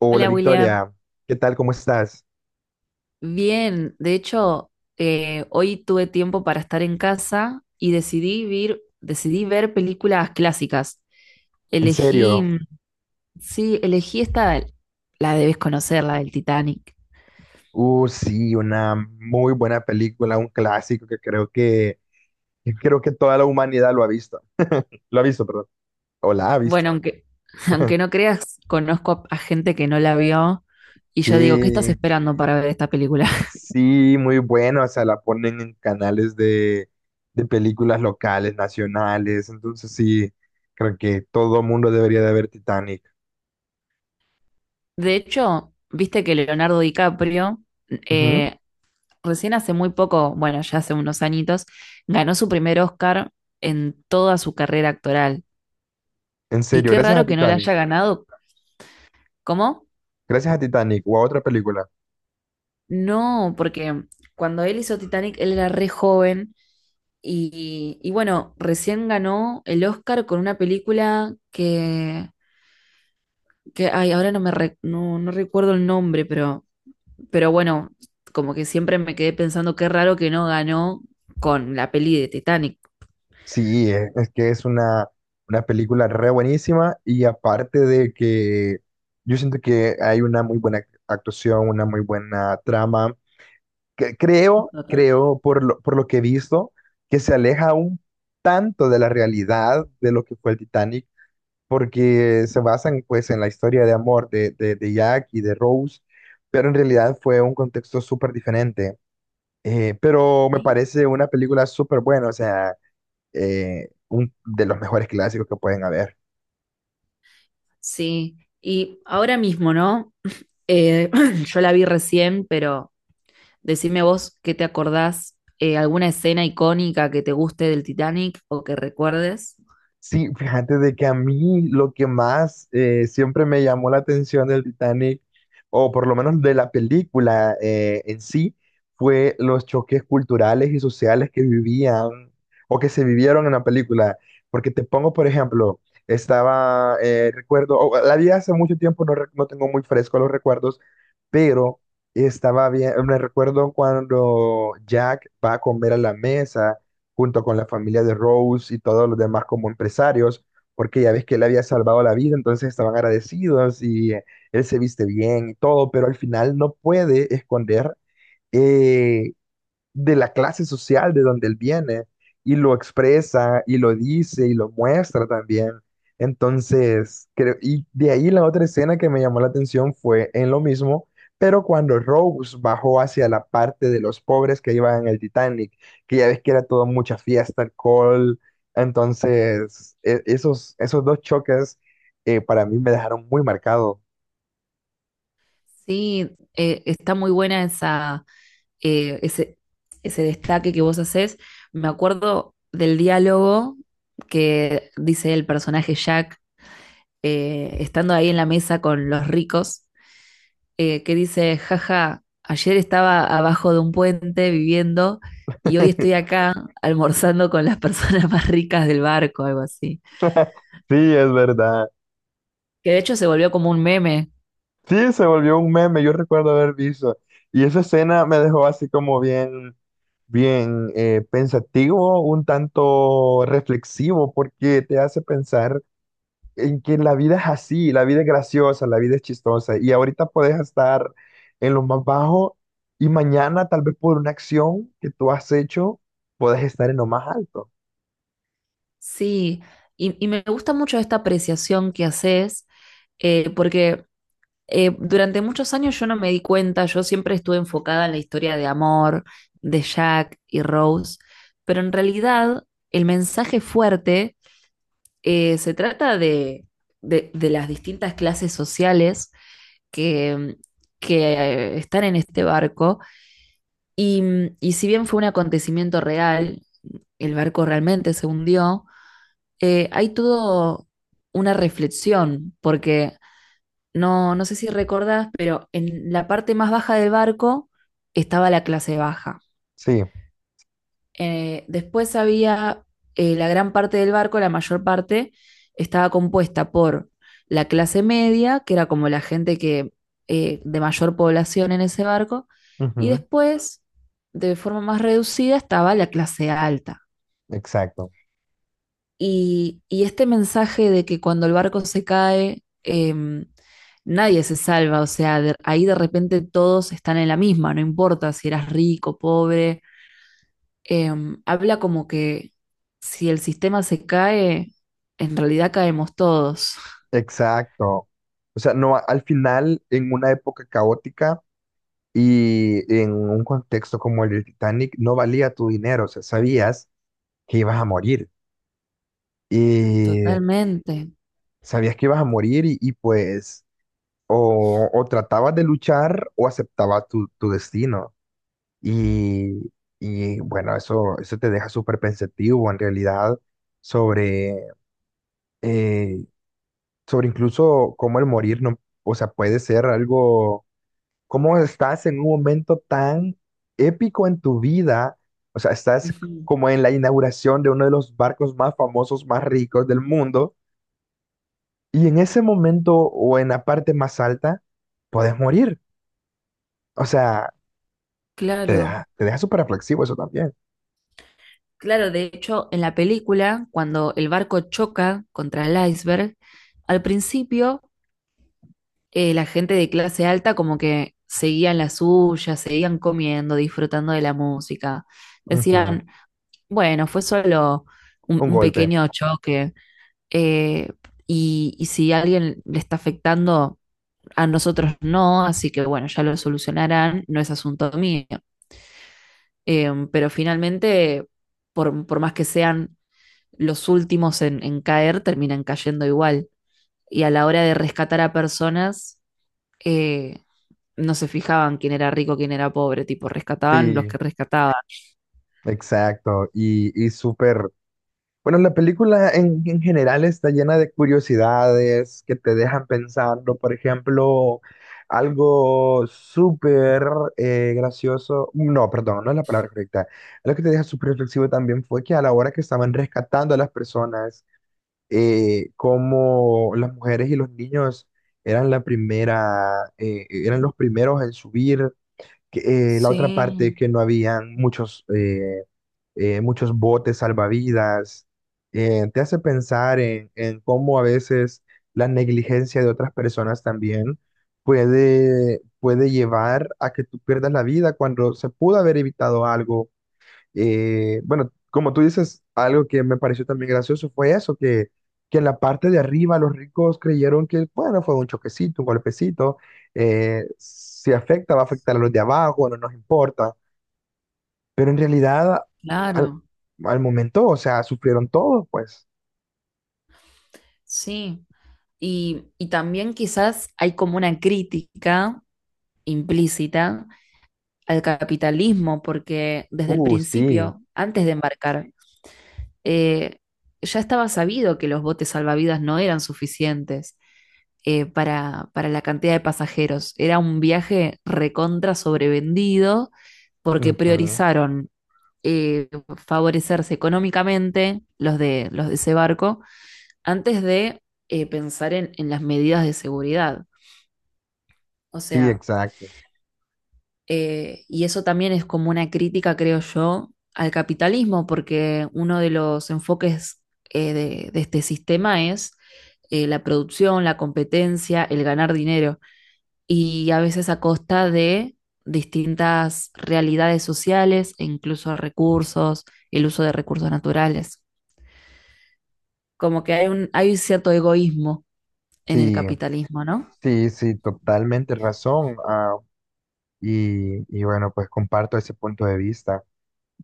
Hola Hola William, Victoria, ¿qué tal? ¿Cómo estás? bien, de hecho hoy tuve tiempo para estar en casa y decidí ver películas clásicas. En Elegí, serio. mm, sí, elegí esta, la debes conocer, la del Titanic. Sí, una muy buena película, un clásico que creo que toda la humanidad lo ha visto. Lo ha visto, perdón. O la ha visto. Bueno, aunque, aunque no creas, conozco a gente que no la vio y yo digo, ¿qué estás Que esperando para ver esta película? sí, muy bueno, o sea, la ponen en canales de películas locales, nacionales, entonces sí, creo que todo mundo debería de ver Titanic. De hecho, viste que Leonardo DiCaprio Ujú. eh, recién hace muy poco, bueno, ya hace unos añitos, ganó su primer Oscar en toda su carrera actoral. ¿En Y serio, qué raro que no le haya ganado. ¿Cómo? gracias a Titanic o a otra película? No, porque cuando él hizo Titanic, él era re joven. Y bueno, recién ganó el Oscar con una película que ay, ahora no me re- no, no recuerdo el nombre, pero bueno, como que siempre me quedé pensando qué raro que no ganó con la peli de Titanic. Sí, es que es una película re buenísima, y aparte de que yo siento que hay una muy buena actuación, una muy buena trama, que creo, Totalmente. creo por lo que he visto, que se aleja un tanto de la realidad de lo que fue el Titanic, porque se basan pues en la historia de amor de Jack y de Rose, pero en realidad fue un contexto súper diferente. Pero me parece una película súper buena, o sea, un, de los mejores clásicos que pueden haber. Sí, y ahora mismo, ¿no? Eh, yo la vi recién, pero decime vos qué te acordás, alguna escena icónica que te guste del Titanic o que recuerdes. Sí, fíjate de que a mí lo que más siempre me llamó la atención del Titanic, o por lo menos de la película en sí, fue los choques culturales y sociales que vivían o que se vivieron en la película. Porque te pongo, por ejemplo, estaba, recuerdo, la vi hace mucho tiempo, no, no tengo muy fresco los recuerdos, pero estaba bien, me recuerdo cuando Jack va a comer a la mesa junto con la familia de Rose y todos los demás como empresarios, porque ya ves que él había salvado la vida, entonces estaban agradecidos y, él se viste bien y todo, pero al final no puede esconder eh, de la clase social de donde él viene, y lo expresa y lo dice y lo muestra también. Entonces, creo, y de ahí la otra escena que me llamó la atención fue en lo mismo, pero cuando Rose bajó hacia la parte de los pobres que iban en el Titanic, que ya ves que era todo mucha fiesta, alcohol, entonces esos dos choques, para mí me dejaron muy marcado. Sí, está muy buena esa, eh, ese, ese destaque que vos hacés. Me acuerdo del diálogo que dice el personaje Jack, estando ahí en la mesa con los ricos, que dice, jaja, ayer estaba abajo de un puente viviendo y hoy estoy acá almorzando con las personas más ricas del barco, algo así. Sí, es verdad. Que de hecho se volvió como un meme. Sí, se volvió un meme, yo recuerdo haber visto. Y esa escena me dejó así como bien, bien, pensativo, un tanto reflexivo, porque te hace pensar en que la vida es así, la vida es graciosa, la vida es chistosa. Y ahorita puedes estar en lo más bajo, y mañana, tal vez por una acción que tú has hecho, puedes estar en lo más alto. Sí, y me gusta mucho esta apreciación que haces, porque durante muchos años yo no me di cuenta, yo siempre estuve enfocada en la historia de amor de Jack y Rose, pero en realidad el mensaje fuerte se trata de las distintas clases sociales que, que, están en este barco y, y si bien fue un acontecimiento real, el barco realmente se hundió, hay todo una reflexión porque no sé si recordás, pero en la parte más baja del barco estaba la clase baja. Sí, Después había la gran parte del barco, la mayor parte, estaba compuesta por la clase media, que era como la gente de mayor población en ese barco, y ujú. después, de forma más reducida, estaba la clase alta. Exacto, Y este mensaje de que cuando el barco se cae, nadie se salva, o sea, ahí de repente todos están en la misma, no importa si eras rico, pobre, habla como que si el sistema se cae, en realidad caemos todos. exacto. O sea, no, al final, en una época caótica, y en un contexto como el del Titanic, no valía tu dinero, o sea, sabías que ibas a morir. Y Totalmente. sabías que ibas a morir y pues o tratabas de luchar o aceptabas tu, tu destino. Y, y bueno, eso te deja súper pensativo en realidad sobre, eh, sobre incluso cómo el morir no, o sea, puede ser algo, cómo estás en un momento tan épico en tu vida. O sea, estás Ujú. como en la inauguración de uno de los barcos más famosos, más ricos del mundo. Y en ese momento o en la parte más alta, puedes morir. O sea, Claro. Te deja súper reflexivo eso también. Claro, de hecho, en la película, cuando el barco choca contra el iceberg, al principio la gente de clase alta como que seguían la suya, seguían comiendo, disfrutando de la música. Ujú. Decían, bueno, fue solo Un un golpe. pequeño choque. eh, y si a alguien le está afectando a nosotros no, así que bueno, ya lo solucionarán, no es asunto mío. Pero finalmente, más que sean los últimos caer, terminan cayendo igual. Y a la hora de rescatar a personas, eh, no se fijaban quién era rico, quién era pobre, tipo, rescataban los Sí, que rescataban. exacto. Y súper. Bueno, la película en general está llena de curiosidades que te dejan pensando. Por ejemplo, algo súper, gracioso. No, perdón, no es la palabra correcta. Algo que te deja súper reflexivo también fue que a la hora que estaban rescatando a las personas, como las mujeres y los niños eran la primera, eran los primeros en subir, que, la otra parte Sí, que no habían muchos muchos botes salvavidas, te hace pensar en cómo a veces la negligencia de otras personas también puede, puede llevar a que tú pierdas la vida cuando se pudo haber evitado algo. Bueno, como tú dices, algo que me pareció también gracioso fue eso, que en la parte de arriba los ricos creyeron que, bueno, fue un choquecito, un golpecito, si afecta, va a afectar a los de abajo, no nos importa. Pero en realidad, al, claro, al momento, o sea, sufrieron todos, pues. sí. Y también quizás hay como una crítica implícita al capitalismo, porque desde el Sí. principio, antes de embarcar, eh, ya estaba sabido que los botes salvavidas no eran suficientes para la cantidad de pasajeros. Era un viaje recontra sobrevendido porque Ujú. priorizaron eh, favorecerse económicamente los de ese barco antes de pensar en las medidas de seguridad. O Sí, sea, exacto. Y eso también es como una crítica, creo yo, al capitalismo, porque uno de los enfoques de este sistema es la producción, la competencia, el ganar dinero, y a veces a costa de distintas realidades sociales e incluso recursos, el uso de recursos naturales. Como que hay un cierto egoísmo en el Sí, capitalismo, ¿no? sí, sí, totalmente razón. Y, y bueno, pues comparto ese punto de vista.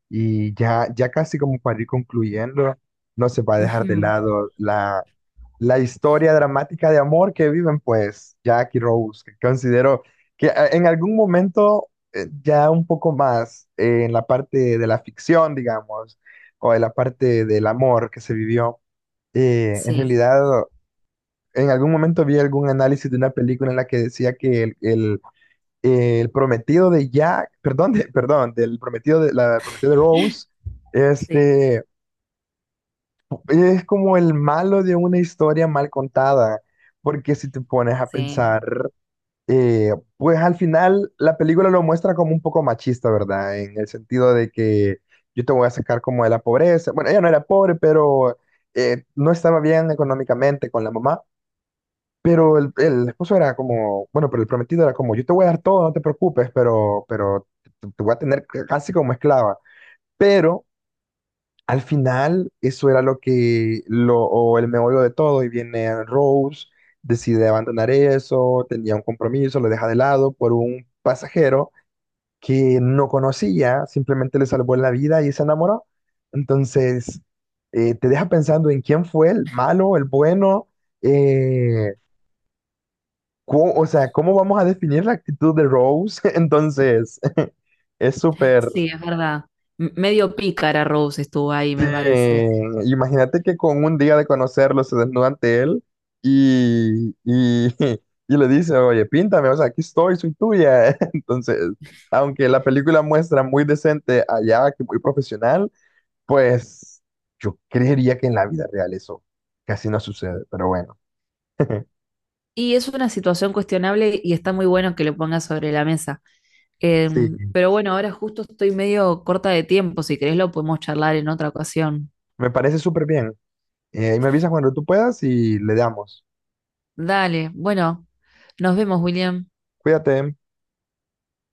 Y ya, ya casi como para ir concluyendo, no se va a dejar de Ujú. lado la, la historia dramática de amor que viven, pues, Jack y Rose, que considero que, en algún momento, ya un poco más, en la parte de la ficción, digamos, o en la parte del amor que se vivió, en Sí, realidad, en algún momento vi algún análisis de una película en la que decía que el, el prometido de Jack, perdón, perdón, del prometido de la prometida de Rose, sí, este es como el malo de una historia mal contada, porque si te pones a sí. pensar, pues al final la película lo muestra como un poco machista, ¿verdad? En el sentido de que yo te voy a sacar como de la pobreza. Bueno, ella no era pobre, pero, no estaba bien económicamente con la mamá. Pero el esposo era como, bueno, pero el prometido era como, yo te voy a dar todo, no te preocupes, pero te voy a tener casi como esclava. Pero al final eso era lo que, lo, o el meollo de todo, y viene Rose, decide abandonar eso, tenía un compromiso, lo deja de lado por un pasajero que no conocía, simplemente le salvó la vida y se enamoró. Entonces, te deja pensando en quién fue el malo, el bueno. eh, o sea, ¿cómo vamos a definir la actitud de Rose? Entonces, es súper... Sí, es verdad. M- Medio pícara Rose estuvo ahí, Sí, me parece. imagínate que con un día de conocerlo se desnuda ante él y, y le dice, oye, píntame, o sea, aquí estoy, soy tuya. Entonces, aunque la película muestra muy decente allá, que muy profesional, pues yo creería que en la vida real eso casi no sucede, pero bueno. Y es una situación cuestionable y está muy bueno que lo pongas sobre la mesa. Em, Sí, pero bueno, ahora justo estoy medio corta de tiempo. Si querés, lo podemos charlar en otra ocasión. me parece súper bien. Ahí me avisas cuando tú puedas y le damos. Dale, bueno, nos vemos, William. Cuídate.